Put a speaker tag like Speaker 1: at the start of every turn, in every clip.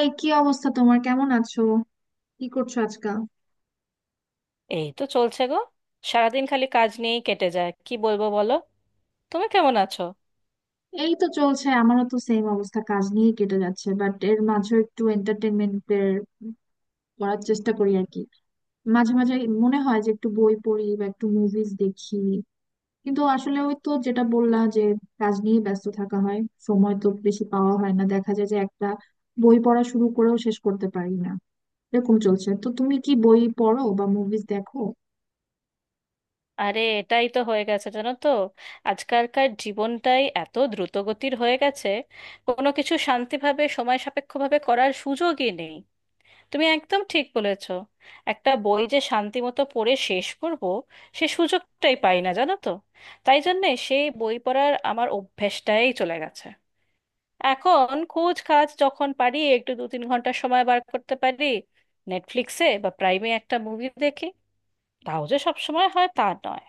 Speaker 1: এই কি অবস্থা, তোমার কেমন আছো? কি করছো আজকাল?
Speaker 2: এই তো চলছে গো। সারাদিন খালি কাজ নিয়েই কেটে যায়, কি বলবো বলো। তুমি কেমন আছো?
Speaker 1: এই তো চলছে, আমারও তো সেম অবস্থা, কাজ নিয়ে কেটে যাচ্ছে, বাট এর মাঝে একটু এন্টারটেনমেন্ট করার চেষ্টা করি আর কি। মাঝে মাঝে মনে হয় যে একটু বই পড়ি বা একটু মুভিজ দেখি, কিন্তু আসলে ওই তো যেটা বললা, যে কাজ নিয়ে ব্যস্ত থাকা হয়, সময় তো বেশি পাওয়া হয় না, দেখা যায় যে একটা বই পড়া শুরু করেও শেষ করতে পারি না। এরকম চলছে, তো তুমি কি বই পড়ো বা মুভিজ দেখো?
Speaker 2: আরে এটাই তো হয়ে গেছে জানো তো, আজকালকার জীবনটাই এত দ্রুতগতির হয়ে গেছে। কোনো কিছু শান্তিভাবে সময় সাপেক্ষভাবে করার সুযোগই নেই। তুমি একদম ঠিক বলেছো। একটা বই যে শান্তি মতো পড়ে শেষ করব, সে সুযোগটাই পাই না জানো তো। তাই জন্যে সেই বই পড়ার আমার অভ্যেসটাই চলে গেছে। এখন খোঁজ খাজ যখন পারি, একটু 2-3 ঘন্টা সময় বার করতে পারি, নেটফ্লিক্সে বা প্রাইমে একটা মুভি দেখি। তাও যে সব সময় হয় তা নয়।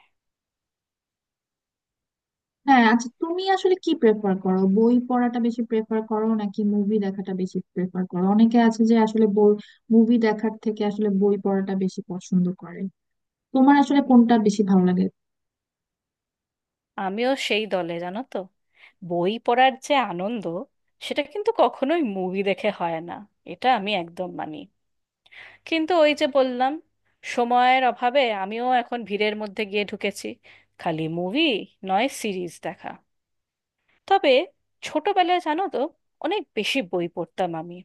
Speaker 1: হ্যাঁ, আচ্ছা, তুমি আসলে কি প্রেফার করো, বই পড়াটা বেশি প্রেফার করো নাকি মুভি দেখাটা বেশি প্রেফার করো? অনেকে আছে যে আসলে বই মুভি দেখার থেকে আসলে বই পড়াটা বেশি পছন্দ করে। তোমার আসলে কোনটা বেশি ভালো লাগে?
Speaker 2: আমিও সেই দলে জানো তো। বই পড়ার যে আনন্দ, সেটা কিন্তু কখনোই মুভি দেখে হয় না। এটা আমি একদম মানি। কিন্তু ওই যে বললাম, সময়ের অভাবে আমিও এখন ভিড়ের মধ্যে গিয়ে ঢুকেছি। খালি মুভি নয়, সিরিজ দেখা। তবে ছোটবেলায় জানো তো, অনেক বেশি বই পড়তাম আমি।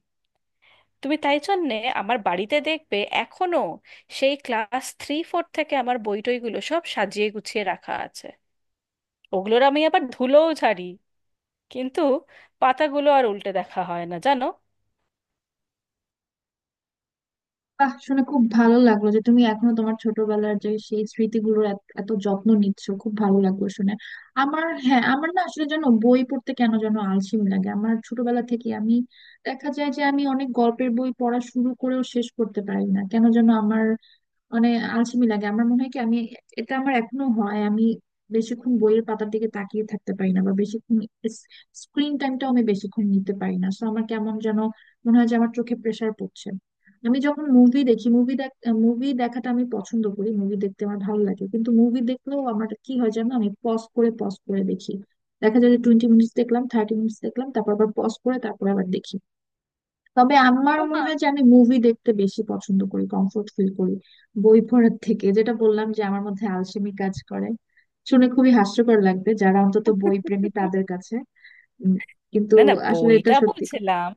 Speaker 2: তুমি তাই জন্যে আমার বাড়িতে দেখবে এখনো সেই ক্লাস 3-4 থেকে আমার বই টইগুলো সব সাজিয়ে গুছিয়ে রাখা আছে। ওগুলোর আমি আবার ধুলোও ঝাড়ি, কিন্তু পাতাগুলো আর উল্টে দেখা হয় না জানো।
Speaker 1: বাহ, শুনে খুব ভালো লাগলো যে তুমি এখনো তোমার ছোটবেলার যে সেই স্মৃতিগুলোর এত এত যত্ন নিচ্ছ, খুব ভালো লাগলো শুনে। আমার হ্যাঁ আমার না আসলে যেন বই পড়তে কেন যেন আলসেমি লাগে আমার, ছোটবেলা থেকে আমি দেখা যায় যে আমি অনেক গল্পের বই পড়া শুরু করেও শেষ করতে পারি না, কেন যেন আমার মানে আলসেমি লাগে। আমার মনে হয় কি, আমি এটা আমার এখনো হয়, আমি বেশিক্ষণ বইয়ের পাতার দিকে তাকিয়ে থাকতে পারি না, বা বেশিক্ষণ স্ক্রিন টাইমটাও আমি বেশিক্ষণ নিতে পারি না, সো আমার কেমন যেন মনে হয় যে আমার চোখে প্রেসার পড়ছে। আমি যখন মুভি দেখি, মুভি দেখাটা আমি পছন্দ করি, মুভি দেখতে আমার ভালো লাগে, কিন্তু মুভি দেখলেও আমার কি হয় জানো, আমি পজ করে পজ করে দেখি। দেখা যায় যে 20 মিনিটস দেখলাম, 30 মিনিটস দেখলাম, তারপর আবার পজ করে তারপর আবার দেখি। তবে আমার মনে
Speaker 2: ওমা!
Speaker 1: হয় যে আমি মুভি দেখতে বেশি পছন্দ করি, কমফোর্ট ফিল করি বই পড়ার থেকে, যেটা বললাম যে আমার মধ্যে আলসেমি কাজ করে। শুনে খুবই হাস্যকর লাগবে যারা অন্তত বই প্রেমী তাদের কাছে, উম, কিন্তু
Speaker 2: না না,
Speaker 1: আসলে এটা
Speaker 2: বইটা
Speaker 1: সত্যি কথা।
Speaker 2: বুঝলাম।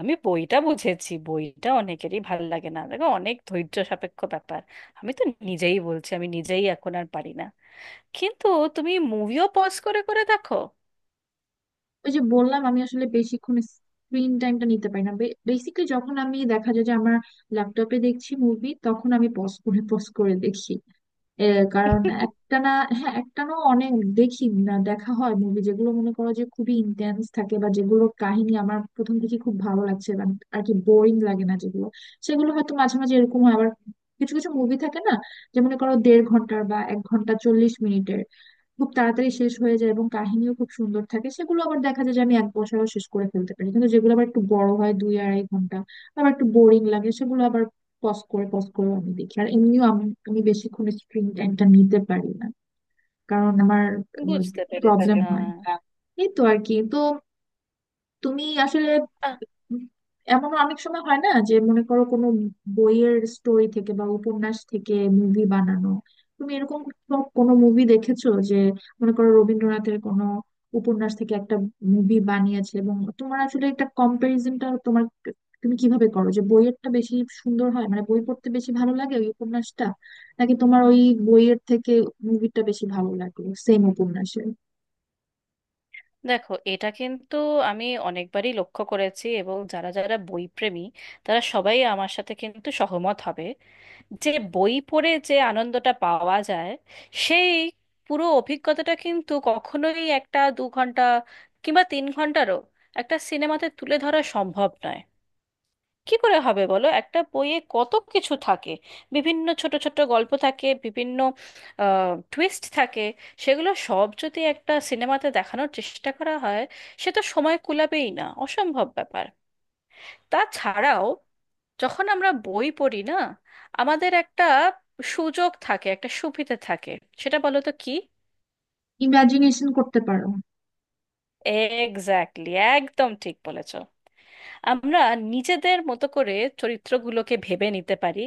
Speaker 2: আমি বইটা বুঝেছি। বইটা অনেকেরই ভাল লাগে না, দেখো অনেক ধৈর্য সাপেক্ষ ব্যাপার। আমি তো নিজেই বলছি, আমি নিজেই এখন আর পারি না। কিন্তু তুমি মুভিও পজ করে করে দেখো?
Speaker 1: ওই যে বললাম আমি আসলে বেশিক্ষণ স্ক্রিন টাইমটা নিতে পারি না, বেসিক্যালি যখন আমি দেখা যায় যে আমার ল্যাপটপে দেখছি মুভি, তখন আমি পজ করে পজ করে দেখি। এ কারণ একটানা, হ্যাঁ একটানা অনেক দেখি না, দেখা হয় মুভি যেগুলো মনে করো যে খুবই ইন্টেন্স থাকে, বা যেগুলোর কাহিনী আমার প্রথম থেকে খুব ভালো লাগছে, বা আর কি বোরিং লাগে না যেগুলো, সেগুলো হয়তো মাঝে মাঝে এরকম হয়। আবার কিছু কিছু মুভি থাকে না, যে মনে করো দেড় ঘন্টার বা এক ঘন্টা 40 মিনিটের, খুব তাড়াতাড়ি শেষ হয়ে যায় এবং কাহিনীও খুব সুন্দর থাকে, সেগুলো আবার দেখা যায় যে আমি এক বসায়ও শেষ করে ফেলতে পারি। কিন্তু যেগুলো আবার একটু বড় হয়, দুই আড়াই ঘন্টা, আবার একটু বোরিং লাগে, সেগুলো আবার পজ করে পজ করে আমি দেখি। আর এমনিও আমি, আমি বেশিক্ষণ স্ক্রিন টাইমটা নিতে পারি না, কারণ আমার
Speaker 2: বুঝতে
Speaker 1: ঠিক
Speaker 2: পেরেছি।
Speaker 1: প্রবলেম আছে হয়। এই তো আর কি, তো তুমি আসলে
Speaker 2: হ্যাঁ।
Speaker 1: এমন অনেক সময় হয় না যে মনে করো কোনো বইয়ের স্টোরি থেকে বা উপন্যাস থেকে মুভি বানানো, তুমি এরকম কোনো কোনো মুভি দেখেছো যে মনে করো রবীন্দ্রনাথের কোনো উপন্যাস থেকে একটা মুভি বানিয়েছে, এবং তোমার আসলে একটা কম্পারিজনটা তোমার তুমি কিভাবে করো, যে বইয়েরটা বেশি সুন্দর হয়, মানে বই পড়তে বেশি ভালো লাগে ওই উপন্যাসটা, নাকি তোমার ওই বইয়ের থেকে মুভিটা বেশি ভালো লাগে সেম উপন্যাসের?
Speaker 2: দেখো এটা কিন্তু আমি অনেকবারই লক্ষ্য করেছি, এবং যারা যারা বইপ্রেমী, তারা সবাই আমার সাথে কিন্তু সহমত হবে যে বই পড়ে যে আনন্দটা পাওয়া যায়, সেই পুরো অভিজ্ঞতাটা কিন্তু কখনোই একটা 2 ঘন্টা কিংবা 3 ঘন্টারও একটা সিনেমাতে তুলে ধরা সম্ভব নয়। কি করে হবে বলো, একটা বইয়ে কত কিছু থাকে। বিভিন্ন ছোট ছোট গল্প থাকে, বিভিন্ন টুইস্ট থাকে। সেগুলো সব যদি একটা সিনেমাতে দেখানোর চেষ্টা করা হয়, সে তো সময় কুলাবেই না, অসম্ভব ব্যাপার। তাছাড়াও যখন আমরা বই পড়ি না, আমাদের একটা সুযোগ থাকে, একটা সুবিধে থাকে। সেটা বলো তো কি?
Speaker 1: ইমাজিনেশন করতে পারো।
Speaker 2: এক্স্যাক্টলি, একদম ঠিক বলেছ। আমরা নিজেদের মতো করে চরিত্রগুলোকে ভেবে নিতে পারি।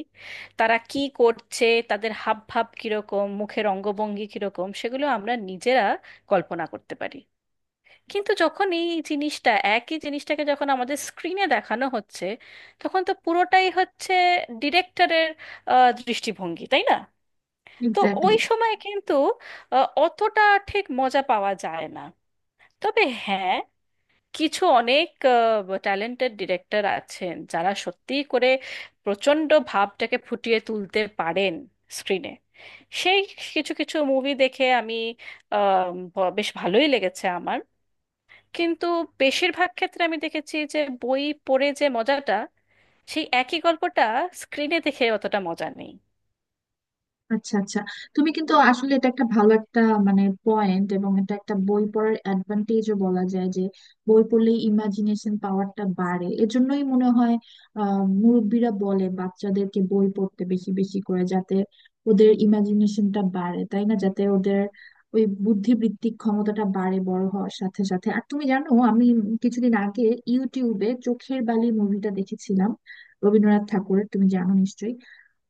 Speaker 2: তারা কি করছে, তাদের হাবভাব কিরকম, মুখের অঙ্গভঙ্গি কিরকম, সেগুলো আমরা নিজেরা কল্পনা করতে পারি। কিন্তু যখন এই জিনিসটা, একই জিনিসটাকে যখন আমাদের স্ক্রিনে দেখানো হচ্ছে, তখন তো পুরোটাই হচ্ছে ডিরেক্টরের দৃষ্টিভঙ্গি, তাই না? তো
Speaker 1: এক্স্যাক্টলি।
Speaker 2: ওই সময় কিন্তু অতটা ঠিক মজা পাওয়া যায় না। তবে হ্যাঁ, কিছু অনেক ট্যালেন্টেড ডিরেক্টর আছেন যারা সত্যি করে প্রচণ্ড ভাবটাকে ফুটিয়ে তুলতে পারেন স্ক্রিনে। সেই কিছু কিছু মুভি দেখে আমি বেশ ভালোই লেগেছে আমার। কিন্তু বেশিরভাগ ক্ষেত্রে আমি দেখেছি যে বই পড়ে যে মজাটা, সেই একই গল্পটা স্ক্রিনে দেখে অতটা মজা নেই।
Speaker 1: আচ্ছা আচ্ছা, তুমি কিন্তু আসলে এটা একটা ভালো একটা মানে পয়েন্ট, এবং এটা একটা বই পড়ার অ্যাডভান্টেজও বলা যায়, যে বই পড়লে ইমাজিনেশন পাওয়ারটা বাড়ে। এজন্যই মনে হয় আহ মুরব্বীরা বলে বাচ্চাদেরকে বই পড়তে বেশি বেশি করে, যাতে ওদের ইমাজিনেশনটা বাড়ে, তাই না, যাতে ওদের ওই বুদ্ধিবৃত্তিক ক্ষমতাটা বাড়ে বড় হওয়ার সাথে সাথে। আর তুমি জানো আমি কিছুদিন আগে ইউটিউবে চোখের বালি মুভিটা দেখেছিলাম, রবীন্দ্রনাথ ঠাকুরের, তুমি জানো নিশ্চয়ই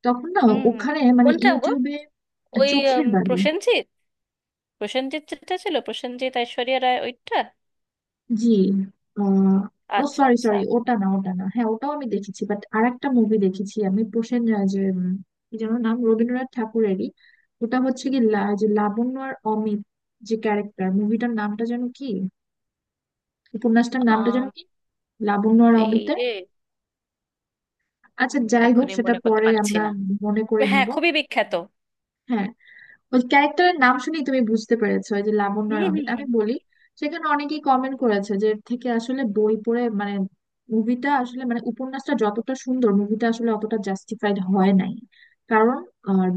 Speaker 1: তখন না,
Speaker 2: হুম, হুম।
Speaker 1: ওখানে মানে
Speaker 2: কোনটা গো?
Speaker 1: ইউটিউবে।
Speaker 2: ওই
Speaker 1: চোখের বালি।
Speaker 2: প্রসেনজিৎ। প্রসেনজিৎ যেটা ছিল, প্রসেনজিৎ ঐশ্বরিয়া রায়, ওইটা?
Speaker 1: জি। আহ, ও
Speaker 2: আচ্ছা
Speaker 1: সরি
Speaker 2: আচ্ছা।
Speaker 1: সরি, ওটা না ওটা না, হ্যাঁ ওটাও আমি দেখেছি, বাট আরেকটা মুভি দেখেছি আমি, প্রসেন রাজ এর, কি যেন নাম, রবীন্দ্রনাথ ঠাকুরেরই। ওটা হচ্ছে কি যে লাবণ্য আর অমিত যে ক্যারেক্টার, মুভিটার নামটা যেন কি, উপন্যাসটার নামটা যেন
Speaker 2: আম,
Speaker 1: কি, লাবণ্য আর
Speaker 2: এই
Speaker 1: অমিতের।
Speaker 2: রে,
Speaker 1: আচ্ছা যাই হোক
Speaker 2: এখনই
Speaker 1: সেটা
Speaker 2: মনে করতে
Speaker 1: পরে
Speaker 2: পারছি
Speaker 1: আমরা
Speaker 2: না।
Speaker 1: মনে করে
Speaker 2: হ্যাঁ,
Speaker 1: নিব।
Speaker 2: খুবই বিখ্যাত।
Speaker 1: হ্যাঁ, ওই ক্যারেক্টারের নাম শুনেই তুমি বুঝতে পেরেছো, ওই যে লাবণ্য
Speaker 2: হুম,
Speaker 1: আর
Speaker 2: হুম,
Speaker 1: অমিত আমি
Speaker 2: হুম।
Speaker 1: বলি। সেখানে অনেকেই কমেন্ট করেছে যে এর থেকে আসলে বই পড়ে, মানে মুভিটা আসলে, মানে উপন্যাসটা যতটা সুন্দর মুভিটা আসলে অতটা জাস্টিফাইড হয় নাই, কারণ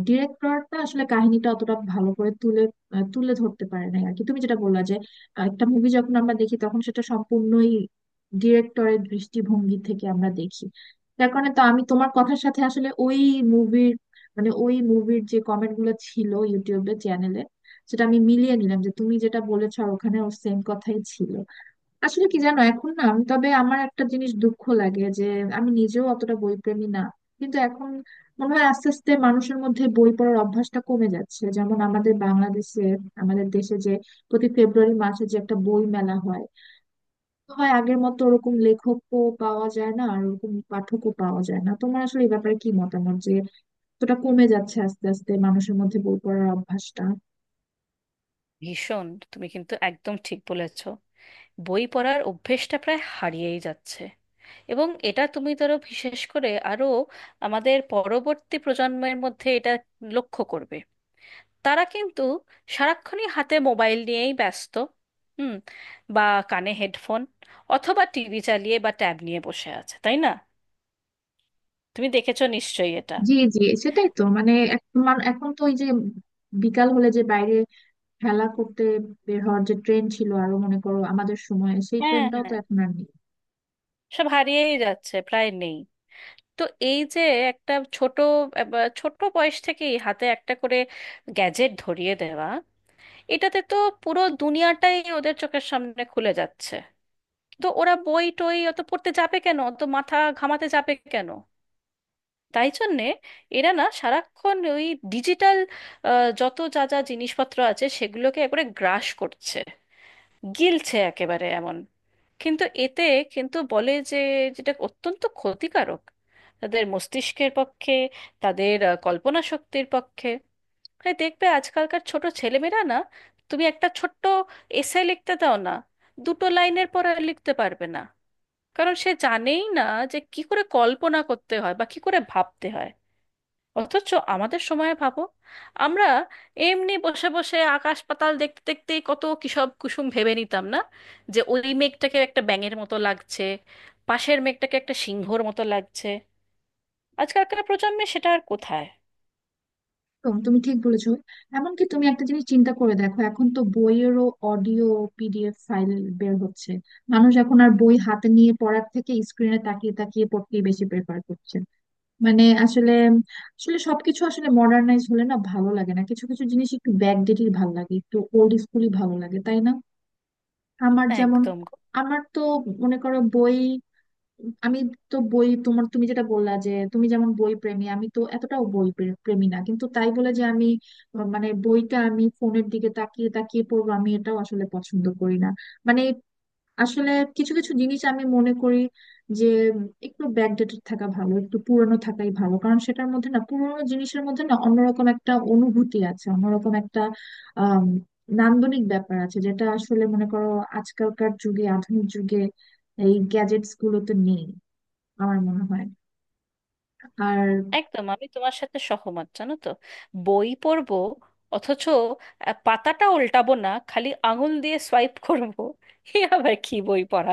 Speaker 1: ডিরেক্টরটা আসলে কাহিনীটা অতটা ভালো করে তুলে ধরতে পারে নাই আর কি। তুমি যেটা বললা যে একটা মুভি যখন আমরা দেখি তখন সেটা সম্পূর্ণই ডিরেক্টরের দৃষ্টিভঙ্গি থেকে আমরা দেখি, যার কারণে তো আমি তোমার কথার সাথে আসলে ওই মুভির, মানে ওই মুভির যে কমেন্ট গুলো ছিল ইউটিউবে চ্যানেলে, সেটা আমি মিলিয়ে নিলাম যে তুমি যেটা বলেছো আর ওখানে ওর সেম কথাই ছিল। আসলে কি জানো এখন না তবে আমার একটা জিনিস দুঃখ লাগে যে আমি নিজেও অতটা বইপ্রেমী না, কিন্তু এখন মনে হয় আস্তে আস্তে মানুষের মধ্যে বই পড়ার অভ্যাসটা কমে যাচ্ছে, যেমন আমাদের বাংলাদেশে, আমাদের দেশে যে প্রতি ফেব্রুয়ারি মাসে যে একটা বই মেলা হয়, হয় আগের মতো ওরকম লেখকও পাওয়া যায় না আর ওরকম পাঠকও পাওয়া যায় না। তোমার আসলে এই ব্যাপারে কি মতামত, যে এতটা কমে যাচ্ছে আস্তে আস্তে মানুষের মধ্যে বই পড়ার অভ্যাসটা?
Speaker 2: ভীষণ। তুমি কিন্তু একদম ঠিক বলেছ। বই পড়ার অভ্যেসটা প্রায় হারিয়েই যাচ্ছে। এবং এটা তুমি ধরো, বিশেষ করে আরো আমাদের পরবর্তী প্রজন্মের মধ্যে এটা লক্ষ্য করবে। তারা কিন্তু সারাক্ষণই হাতে মোবাইল নিয়েই ব্যস্ত। হুম। বা কানে হেডফোন, অথবা টিভি চালিয়ে বা ট্যাব নিয়ে বসে আছে, তাই না? তুমি দেখেছো নিশ্চয়ই এটা।
Speaker 1: জি জি, সেটাই তো মানে এখন তো ওই যে বিকাল হলে যে বাইরে খেলা করতে বের হওয়ার যে ট্রেন ছিল আরো, মনে করো আমাদের সময়, সেই
Speaker 2: হ্যাঁ,
Speaker 1: ট্রেনটাও তো
Speaker 2: হ্যাঁ,
Speaker 1: এখন আর নেই।
Speaker 2: সব হারিয়েই যাচ্ছে, প্রায় নেই। তো এই যে একটা ছোট বা ছোট বয়স থেকেই হাতে একটা করে গ্যাজেট ধরিয়ে দেওয়া, এটাতে তো পুরো দুনিয়াটাই ওদের চোখের সামনে খুলে যাচ্ছে। তো ওরা বই টই অত পড়তে যাবে কেন, অত মাথা ঘামাতে যাবে কেন? তাই জন্যে এরা না সারাক্ষণ ওই ডিজিটাল যত যা যা জিনিসপত্র আছে সেগুলোকে একবারে গ্রাস করছে, গিলছে একেবারে এমন। কিন্তু এতে কিন্তু বলে যে, যেটা অত্যন্ত ক্ষতিকারক তাদের মস্তিষ্কের পক্ষে, তাদের কল্পনা শক্তির পক্ষে। তাই দেখবে আজকালকার ছোট ছেলেমেয়েরা না, তুমি একটা ছোট্ট এসে লিখতে দাও না, দুটো লাইনের পর আর লিখতে পারবে না। কারণ সে জানেই না যে কি করে কল্পনা করতে হয় বা কি করে ভাবতে হয়। অথচ আমাদের সময়ে ভাবো, আমরা এমনি বসে বসে আকাশ পাতাল দেখতে দেখতেই কত কিসব কুসুম ভেবে নিতাম না, যে ওই মেঘটাকে একটা ব্যাঙের মতো লাগছে, পাশের মেঘটাকে একটা সিংহর মতো লাগছে। আজকালকার প্রজন্মে সেটা আর কোথায়?
Speaker 1: একদম, তুমি ঠিক বলেছো। এমনকি তুমি একটা জিনিস চিন্তা করে দেখো, এখন তো বইয়েরও অডিও, PDF ফাইল বের হচ্ছে, মানুষ এখন আর বই হাতে নিয়ে পড়ার থেকে স্ক্রিনে তাকিয়ে তাকিয়ে পড়তেই বেশি প্রেফার করছে। মানে আসলে, আসলে সবকিছু আসলে মডার্নাইজ হলে না ভালো লাগে না, কিছু কিছু জিনিস একটু ব্যাকডেটেড ভালো লাগে, একটু ওল্ড স্কুলই ভালো লাগে তাই না। আমার যেমন
Speaker 2: একদম গো।
Speaker 1: আমার তো মনে করো বই, আমি তো বই, তোমার তুমি যেটা বললা যে তুমি যেমন বই প্রেমী আমি তো এতটাও বই প্রেমী না, কিন্তু তাই বলে যে আমি মানে বইটা আমি ফোনের দিকে তাকিয়ে তাকিয়ে পড়বো, আমি এটাও আসলে পছন্দ করি না। মানে আসলে কিছু কিছু জিনিস আমি মনে করি যে একটু ব্যাকডেটেড থাকা ভালো, একটু পুরনো থাকাই ভালো, কারণ সেটার মধ্যে না, পুরনো জিনিসের মধ্যে না অন্যরকম একটা অনুভূতি আছে, অন্যরকম একটা আম, নান্দনিক ব্যাপার আছে, যেটা আসলে মনে করো আজকালকার যুগে, আধুনিক যুগে এই গ্যাজেটস গুলোতে নেই আমার মনে হয়। আর
Speaker 2: একদম আমি তোমার সাথে সহমত জানো তো। বই পড়বো অথচ পাতাটা উল্টাবো না, খালি আঙুল দিয়ে সোয়াইপ করবো, এ আবার কি বই পড়া?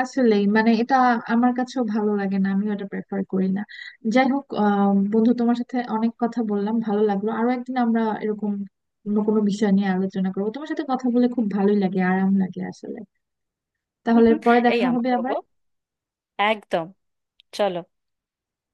Speaker 1: আসলেই মানে এটা আমার কাছেও ভালো লাগে না, আমি এটা প্রেফার করি না। যাই হোক বন্ধু, তোমার সাথে অনেক কথা বললাম ভালো লাগলো, আরো একদিন আমরা এরকম অন্য কোনো বিষয় নিয়ে আলোচনা করবো, তোমার সাথে কথা বলে খুব ভালোই লাগে, আরাম লাগে আসলে। তাহলে পরে
Speaker 2: এই
Speaker 1: দেখা হবে
Speaker 2: আমারও
Speaker 1: আবার।
Speaker 2: গো। একদম। চলো।